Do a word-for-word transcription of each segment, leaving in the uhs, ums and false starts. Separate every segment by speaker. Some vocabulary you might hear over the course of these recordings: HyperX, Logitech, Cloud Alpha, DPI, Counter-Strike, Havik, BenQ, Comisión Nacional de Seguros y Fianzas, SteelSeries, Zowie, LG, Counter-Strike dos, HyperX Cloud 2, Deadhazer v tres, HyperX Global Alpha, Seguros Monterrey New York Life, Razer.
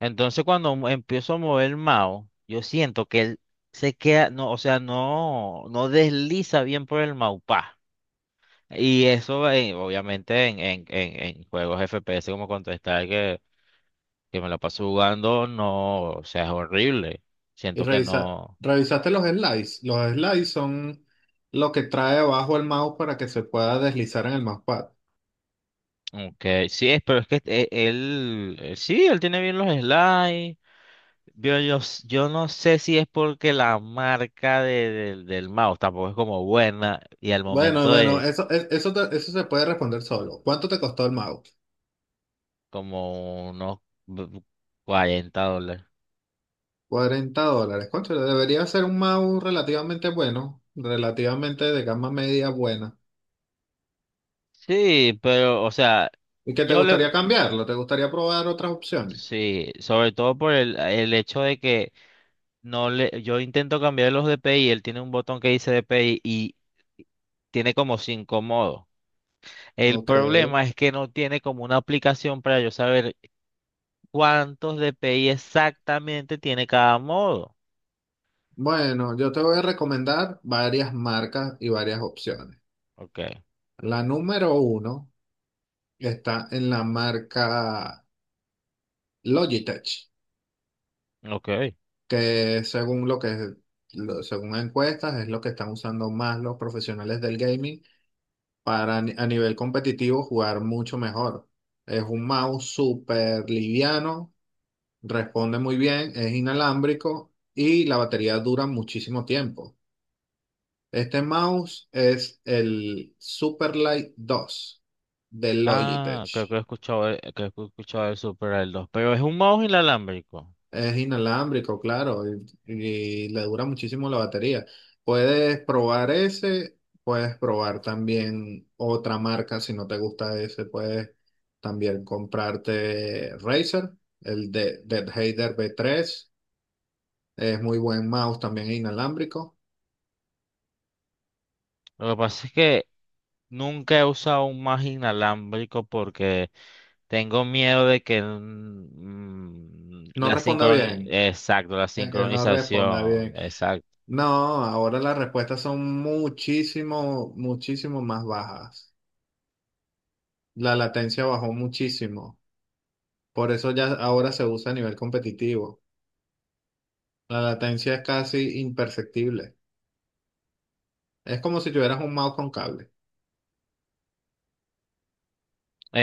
Speaker 1: Entonces cuando mo- empiezo a mover el mouse, yo siento que él se queda, no, o sea, no, no desliza bien por el mousepad. Y eso, eh, obviamente, en, en, en, en juegos F P S como Counter-Strike, que, que me la paso jugando, no, o sea, es horrible.
Speaker 2: Y
Speaker 1: Siento que
Speaker 2: revisa-
Speaker 1: no.
Speaker 2: revisaste los slides. Los slides son lo que trae abajo el mouse para que se pueda deslizar en el mousepad.
Speaker 1: Aunque sí, es, pero es que eh, él, eh, sí, él tiene bien los slides. Yo, yo, s- yo no sé si es porque la marca de- del del mouse tampoco es como buena y al
Speaker 2: Bueno,
Speaker 1: momento
Speaker 2: bueno,
Speaker 1: de
Speaker 2: eso, e- eso, te- eso se puede responder solo. ¿Cuánto te costó el mouse?
Speaker 1: como unos b- cuarenta dólares.
Speaker 2: Cuarenta dólares. Concho, debería ser un mouse relativamente bueno, relativamente de gama media buena.
Speaker 1: Sí, pero, o sea,
Speaker 2: ¿Y que te
Speaker 1: yo le.
Speaker 2: gustaría cambiarlo? ¿Te gustaría probar otras opciones?
Speaker 1: Sí, sobre todo por el, el hecho de que no le. Yo intento cambiar los D P I, él tiene un botón que dice D P I y tiene como cinco modos. El
Speaker 2: Ok.
Speaker 1: problema es que no tiene como una aplicación para yo saber cuántos D P I exactamente tiene cada modo.
Speaker 2: Bueno, yo te voy a recomendar varias marcas y varias opciones.
Speaker 1: Ok,
Speaker 2: La número uno está en la marca Logitech,
Speaker 1: ok.
Speaker 2: que según lo que lo- según encuestas es lo que están usando más los profesionales del gaming para ni- a nivel competitivo jugar mucho mejor. Es un mouse súper liviano, responde muy bien, es inalámbrico y la batería dura muchísimo tiempo. Este mouse es el Superlight dos de Logitech.
Speaker 1: Ah, creo que he escuchado, el- creo que he escuchado el Super el dos, pero es un mouse inalámbrico.
Speaker 2: Es inalámbrico, claro, y, y le dura muchísimo la batería. Puedes probar ese, puedes probar también otra marca si no te gusta ese, puedes también comprarte Razer, el de Deadhazer v tres es muy buen mouse, también inalámbrico.
Speaker 1: Lo que pasa es que nunca he usado un más inalámbrico porque tengo miedo de que mm, mm,
Speaker 2: No
Speaker 1: la
Speaker 2: responda
Speaker 1: sincroni-
Speaker 2: bien,
Speaker 1: exacto, la
Speaker 2: es que no responda
Speaker 1: sincronización,
Speaker 2: bien.
Speaker 1: exacto.
Speaker 2: No, ahora las respuestas son muchísimo, muchísimo más bajas. La latencia bajó muchísimo. Por eso ya ahora se usa a nivel competitivo. La latencia es casi imperceptible. Es como si tuvieras un mouse con cable.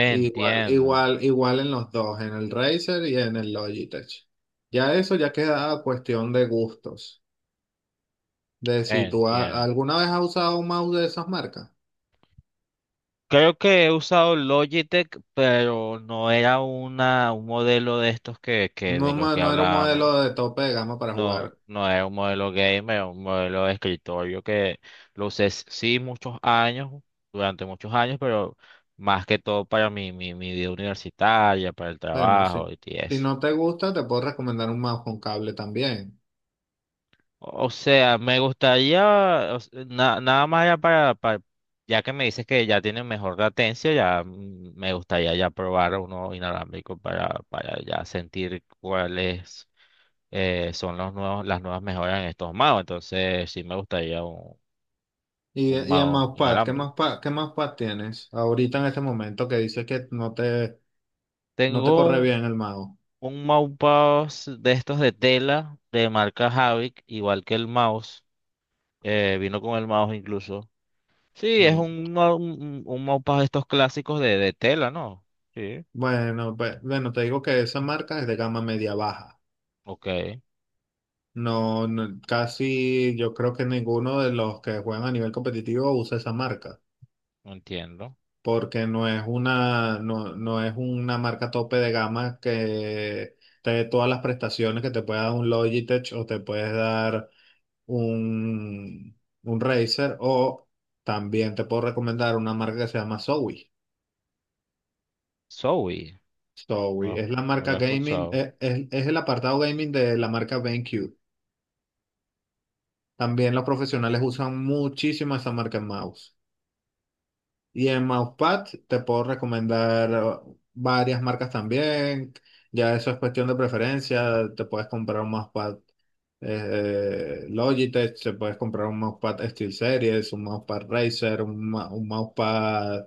Speaker 2: Igual,
Speaker 1: Entiendo,
Speaker 2: igual, igual en los dos, en el Razer y en el Logitech. Ya eso ya queda a cuestión de gustos. De si tú ha-
Speaker 1: entiendo.
Speaker 2: alguna vez has usado un mouse de esas marcas.
Speaker 1: Creo que he usado Logitech, pero no era una, un modelo de estos que, que
Speaker 2: No,
Speaker 1: de los
Speaker 2: ma-
Speaker 1: que
Speaker 2: no era un modelo
Speaker 1: hablábamos.
Speaker 2: de tope de gama para
Speaker 1: No,
Speaker 2: jugar.
Speaker 1: no es un modelo gamer, es un modelo de escritorio que lo usé sí muchos años, durante muchos años, pero más que todo para mi, mi, mi vida universitaria, para el
Speaker 2: Bueno,
Speaker 1: trabajo
Speaker 2: sí.
Speaker 1: y
Speaker 2: Si
Speaker 1: eso.
Speaker 2: no te gusta, te puedo recomendar un mouse con cable también.
Speaker 1: O sea, me gustaría, o s- na- nada más ya para, para- ya que me dices que ya tiene mejor latencia, ya mm, me gustaría ya probar uno inalámbrico para, para ya sentir cuáles eh, son los nuevos, las nuevas mejoras en estos magos. Entonces, sí me gustaría
Speaker 2: Y,
Speaker 1: un
Speaker 2: y en
Speaker 1: mouse
Speaker 2: Mousepad, ¿qué
Speaker 1: inalámbrico.
Speaker 2: Mousepad, qué Mousepad tienes ahorita en este momento que dices que no te, no te
Speaker 1: Tengo
Speaker 2: corre
Speaker 1: un,
Speaker 2: bien el mouse?
Speaker 1: un mousepad de estos de tela de marca Havik, igual que el mouse. Eh, vino con el mouse incluso. Sí, es
Speaker 2: Bueno,
Speaker 1: un, mou- un, un mousepad de estos clásicos de, de tela, ¿no? Sí.
Speaker 2: bueno, pues, bueno, te digo que esa marca es de gama media baja.
Speaker 1: Ok,
Speaker 2: No, no, casi yo creo que ninguno de los que juegan a nivel competitivo usa esa marca,
Speaker 1: no entiendo.
Speaker 2: porque no es una, no, no es una marca tope de gama que te dé todas las prestaciones que te puede dar un Logitech o te puedes dar un, un Razer o también te puedo recomendar una marca que se llama Zowie.
Speaker 1: Zoe,
Speaker 2: Zowie
Speaker 1: no,
Speaker 2: es la
Speaker 1: no lo
Speaker 2: marca
Speaker 1: he
Speaker 2: gaming,
Speaker 1: escuchado.
Speaker 2: eh, es, es el apartado gaming de la marca BenQ. También los profesionales usan muchísimo esa marca en mouse. Y en mousepad te puedo recomendar eh, varias marcas también. Ya eso es cuestión de preferencia. Te puedes comprar un mousepad eh, eh, Logitech, te puedes comprar un mousepad SteelSeries, un mousepad Razer, un, ma- un mousepad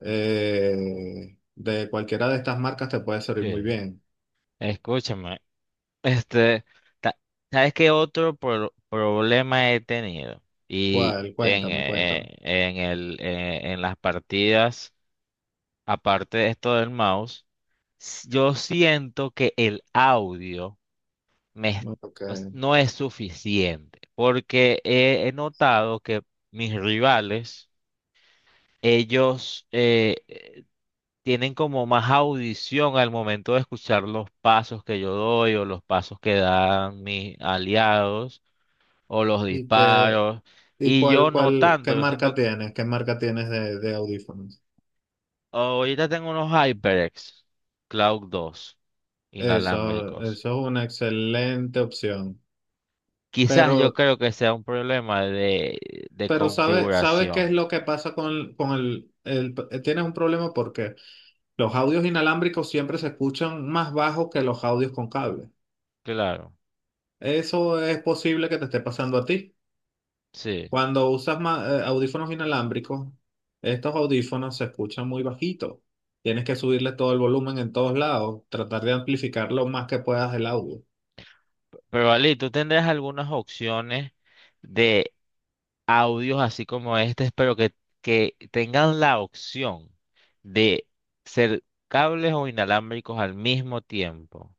Speaker 2: eh, de cualquiera de estas marcas te puede servir muy
Speaker 1: Sí.
Speaker 2: bien.
Speaker 1: Escúchame, este, ta- ¿sabes qué otro pro- problema he tenido? Y
Speaker 2: ¿Cuál?
Speaker 1: en,
Speaker 2: Cuéntame,
Speaker 1: eh,
Speaker 2: cuéntame.
Speaker 1: en el, eh, en las partidas. Aparte de esto del mouse, s- yo siento que el audio me es-
Speaker 2: No, ok.
Speaker 1: o s- no es suficiente, porque he, he notado que mis rivales, ellos eh, eh, tienen como más audición al momento de escuchar los pasos que yo doy o los pasos que dan mis aliados o los
Speaker 2: ¿Y qué,
Speaker 1: disparos,
Speaker 2: y
Speaker 1: y
Speaker 2: cuál,
Speaker 1: yo no
Speaker 2: cuál, qué
Speaker 1: tanto, yo
Speaker 2: marca
Speaker 1: siento,
Speaker 2: tienes? ¿Qué marca tienes de, de audífonos?
Speaker 1: ahorita tengo unos HyperX Cloud dos
Speaker 2: Eso,
Speaker 1: inalámbricos.
Speaker 2: eso es una excelente opción.
Speaker 1: Quizás yo
Speaker 2: Pero,
Speaker 1: creo que sea un problema de, de
Speaker 2: pero ¿sabes, sabe qué es
Speaker 1: configuración.
Speaker 2: lo que pasa con, con el, el- eh, tienes un problema porque los audios inalámbricos siempre se escuchan más bajos que los audios con cable.
Speaker 1: Claro,
Speaker 2: Eso es posible que te esté pasando a ti.
Speaker 1: sí.
Speaker 2: Cuando usas ma- eh, audífonos inalámbricos, estos audífonos se escuchan muy bajito. Tienes que subirle todo el volumen en todos lados, tratar de amplificar lo más que puedas el audio.
Speaker 1: Pero Ali, tú tendrás algunas opciones de audios así como este, pero que, que tengan la opción de ser cables o inalámbricos al mismo tiempo.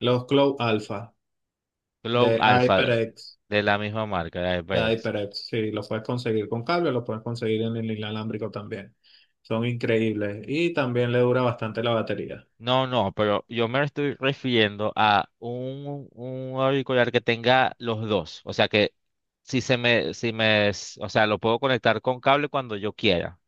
Speaker 2: Los Cloud Alpha
Speaker 1: Glow
Speaker 2: de
Speaker 1: Alpha
Speaker 2: HyperX,
Speaker 1: de la misma marca, de
Speaker 2: de
Speaker 1: HyperX.
Speaker 2: HyperX, sí, los puedes conseguir con cable, los puedes conseguir en el inalámbrico también. Son increíbles y también le dura bastante la batería.
Speaker 1: No, no, pero yo me estoy refiriendo a un, un auricular que tenga los dos. O sea que si se me, si me, s- o sea, lo puedo conectar con cable cuando yo quiera.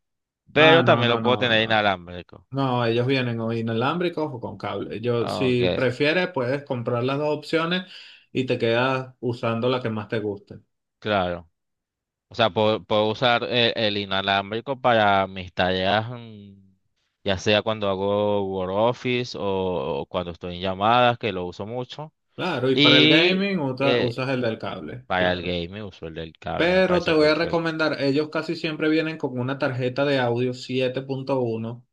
Speaker 2: Ah,
Speaker 1: Pero
Speaker 2: no,
Speaker 1: también lo
Speaker 2: no,
Speaker 1: puedo
Speaker 2: no,
Speaker 1: tener
Speaker 2: no.
Speaker 1: inalámbrico.
Speaker 2: No, ellos vienen o inalámbricos o con cable. Yo,
Speaker 1: Ah, ok,
Speaker 2: si prefieres, puedes comprar las dos opciones y te quedas usando la que más te guste.
Speaker 1: claro. O sea, puedo, puedo usar e- el inalámbrico para mis tareas, mm, ya sea cuando hago Word Office o, o cuando estoy en llamadas, que lo uso mucho.
Speaker 2: Claro, y para el
Speaker 1: Y
Speaker 2: gaming usa-
Speaker 1: eh,
Speaker 2: usas el del cable,
Speaker 1: para el
Speaker 2: claro.
Speaker 1: gaming uso el del cable, me
Speaker 2: Pero te
Speaker 1: parece
Speaker 2: voy a
Speaker 1: perfecto.
Speaker 2: recomendar, ellos casi siempre vienen con una tarjeta de audio siete punto uno.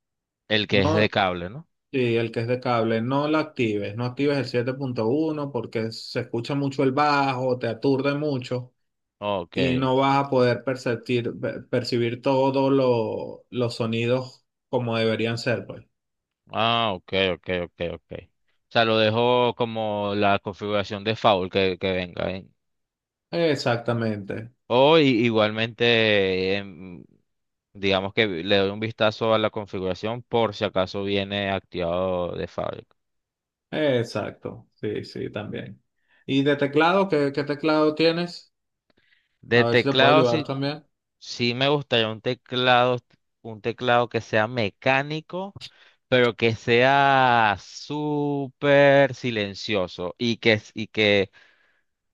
Speaker 1: El que es de
Speaker 2: No,
Speaker 1: cable, ¿no?
Speaker 2: sí, el que es de cable, no la actives, no actives el siete punto uno porque se escucha mucho el bajo, te aturde mucho.
Speaker 1: Ok.
Speaker 2: Y no vas a poder perceptir- per- percibir todos lo- los sonidos como deberían ser, pues.
Speaker 1: Ah, ok, ok, ok, ok. O sea, lo dejo como la configuración de default que, que venga, ¿eh?
Speaker 2: Exactamente,
Speaker 1: O i- igualmente, em, digamos que le doy un vistazo a la configuración por si acaso viene activado de fábrica.
Speaker 2: exacto, sí, sí, también. ¿Y de teclado? ¿Qué, qué teclado tienes?
Speaker 1: De
Speaker 2: A ver si te puedo
Speaker 1: teclado,
Speaker 2: ayudar
Speaker 1: sí,
Speaker 2: también.
Speaker 1: sí me gustaría un teclado, un teclado que sea mecánico, pero que sea súper silencioso y que, y que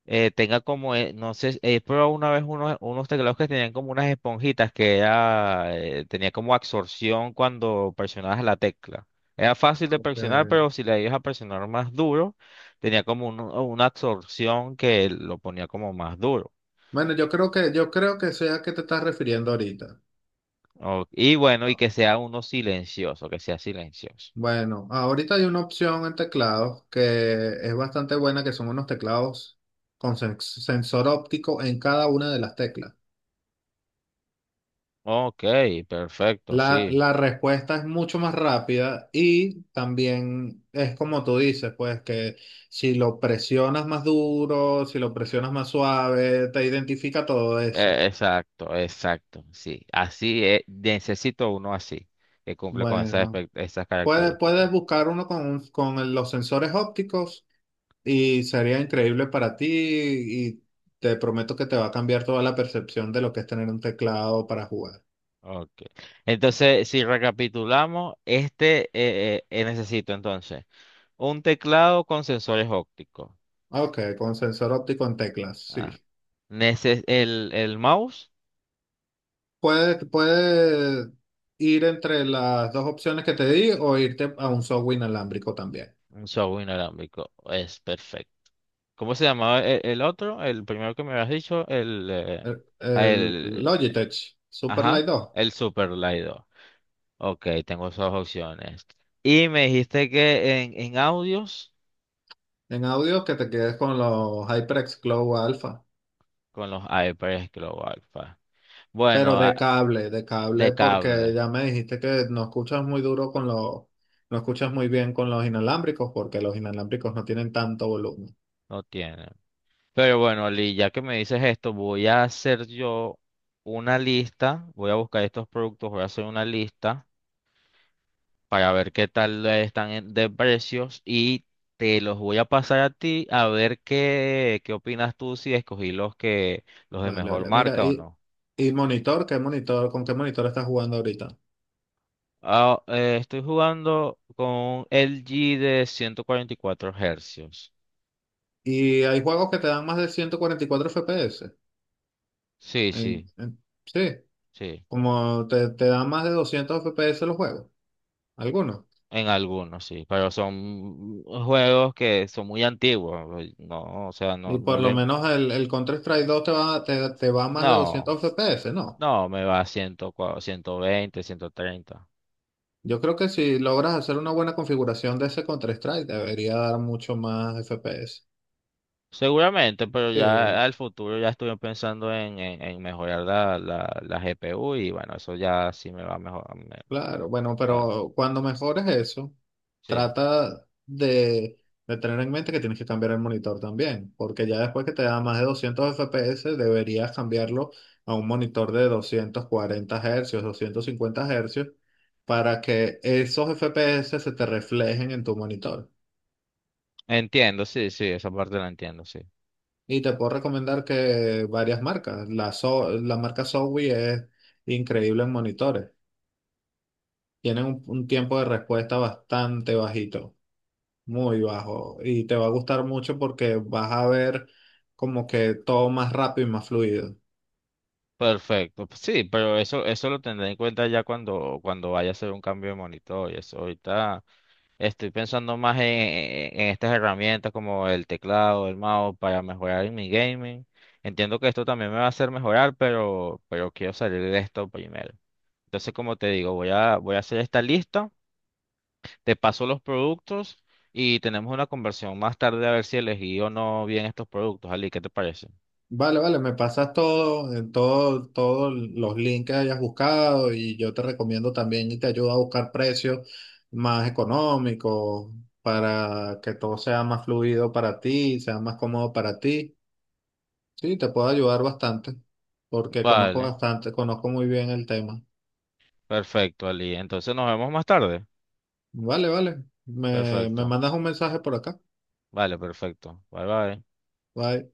Speaker 1: eh, tenga como, eh, no sé, he probado una vez unos, unos teclados que tenían como unas esponjitas que era, eh, tenía como absorción cuando presionabas la tecla. Era fácil de presionar,
Speaker 2: Ok.
Speaker 1: pero si le ibas a presionar más duro, tenía como un- una absorción que lo ponía como más duro.
Speaker 2: Bueno, yo creo que, yo creo que sea a qué te estás refiriendo ahorita.
Speaker 1: O- y bueno, y que sea uno silencioso, que sea silencioso.
Speaker 2: Bueno, ahorita hay una opción en teclados que es bastante buena, que son unos teclados con sen- sensor óptico en cada una de las teclas.
Speaker 1: Ok, perfecto,
Speaker 2: La,
Speaker 1: sí.
Speaker 2: la respuesta es mucho más rápida y también es como tú dices, pues que si lo presionas más duro, si lo presionas más suave, te identifica todo eso.
Speaker 1: Eh, exacto, exacto, sí. Así, eh, necesito uno así, que cumple con esas,
Speaker 2: Bueno,
Speaker 1: espe- esas
Speaker 2: puedes,
Speaker 1: características.
Speaker 2: puedes buscar uno con, un- con el- los sensores ópticos y sería increíble para ti y te prometo que te va a cambiar toda la percepción de lo que es tener un teclado para jugar.
Speaker 1: Ok. Entonces, si recapitulamos, este eh, eh, eh, necesito entonces un teclado con sensores ópticos.
Speaker 2: Ok, con sensor óptico en teclas,
Speaker 1: Ah,
Speaker 2: sí.
Speaker 1: neces- el, el mouse,
Speaker 2: Puedes, puedes ir entre las dos opciones que te di o irte a un software inalámbrico también.
Speaker 1: un software inalámbrico. Es perfecto. ¿Cómo se llamaba e- el otro? El primero que me habías dicho, el, eh,
Speaker 2: El,
Speaker 1: ah,
Speaker 2: el
Speaker 1: el,
Speaker 2: Logitech
Speaker 1: ajá,
Speaker 2: Superlight dos
Speaker 1: el Super Lido. Ok, tengo esas opciones. Y me dijiste que en, en audios
Speaker 2: en audio que te quedes con los HyperX Glow Alpha,
Speaker 1: con los HyperX Global Alpha.
Speaker 2: pero
Speaker 1: Bueno, ah,
Speaker 2: de cable, de
Speaker 1: de
Speaker 2: cable porque
Speaker 1: cable,
Speaker 2: ya me dijiste que no escuchas muy duro con los, no escuchas muy bien con los inalámbricos porque los inalámbricos no tienen tanto volumen.
Speaker 1: no tiene. Pero bueno, Lee, ya que me dices esto, voy a hacer yo una lista, voy a buscar estos productos, voy a hacer una lista para ver qué tal están en- de precios y te los voy a pasar a ti a ver qué, qué opinas tú si escogí los que los de
Speaker 2: Vale,
Speaker 1: mejor
Speaker 2: vale. Mira,
Speaker 1: marca o
Speaker 2: y,
Speaker 1: no.
Speaker 2: y monitor, ¿qué monitor, con qué monitor estás jugando ahorita?
Speaker 1: Ah, eh, estoy jugando con un L G de ciento cuarenta y cuatro hercios.
Speaker 2: Y hay juegos que te dan más de ciento cuarenta y cuatro F P S.
Speaker 1: Sí,
Speaker 2: En-
Speaker 1: sí,
Speaker 2: en- sí,
Speaker 1: sí.
Speaker 2: como te, te dan más de doscientos F P S los juegos, algunos.
Speaker 1: En algunos, sí, pero son juegos que son muy antiguos. eh, No, o sea, no,
Speaker 2: Y
Speaker 1: no
Speaker 2: por lo
Speaker 1: le.
Speaker 2: menos el, el Counter-Strike dos te va, te, te va a más de
Speaker 1: No,
Speaker 2: doscientos F P S, ¿no?
Speaker 1: no, me va a cien, ciento veinte, ciento treinta.
Speaker 2: Yo creo que si logras hacer una buena configuración de ese Counter-Strike, debería dar mucho más F P S.
Speaker 1: Seguramente, pero ya
Speaker 2: Sí.
Speaker 1: al futuro ya estoy pensando en, en, en mejorar la, la, la G P U y bueno, eso ya sí me va mejor. me-
Speaker 2: Claro, bueno,
Speaker 1: tal,
Speaker 2: pero cuando mejores eso,
Speaker 1: Sí,
Speaker 2: trata de, de tener en mente que tienes que cambiar el monitor también, porque ya después que te da más de doscientos F P S, deberías cambiarlo a un monitor de doscientos cuarenta Hz, doscientos cincuenta Hz, para que esos F P S se te reflejen en tu monitor.
Speaker 1: entiendo, sí, sí, esa parte la entiendo, sí.
Speaker 2: Y te puedo recomendar que varias marcas, la, So- la marca Zowie es increíble en monitores, tienen un un tiempo de respuesta bastante bajito. Muy bajo y te va a gustar mucho porque vas a ver como que todo más rápido y más fluido.
Speaker 1: Perfecto, pues sí, pero eso, eso lo tendré en cuenta ya cuando, cuando vaya a hacer un cambio de monitor y eso ahorita. Estoy pensando más en, en- en estas herramientas como el teclado, el mouse para mejorar en mi gaming. Entiendo que esto también me va a hacer mejorar, pero, pero quiero salir de esto primero. Entonces, como te digo, voy a, voy a hacer esta lista, te paso los productos y tenemos una conversión más tarde a ver si elegí o no bien estos productos, Ali. ¿Qué te parece?
Speaker 2: Vale, vale, me pasas todo, en todo, todos los links que hayas buscado y yo te recomiendo también y te ayudo a buscar precios más económicos para que todo sea más fluido para ti, sea más cómodo para ti. Sí, te puedo ayudar bastante porque conozco
Speaker 1: Vale,
Speaker 2: bastante, conozco muy bien el tema.
Speaker 1: perfecto, Ali. Entonces nos vemos más tarde.
Speaker 2: Vale, vale, me, me
Speaker 1: Perfecto.
Speaker 2: mandas un mensaje por acá.
Speaker 1: Vale, perfecto. Bye bye.
Speaker 2: Bye.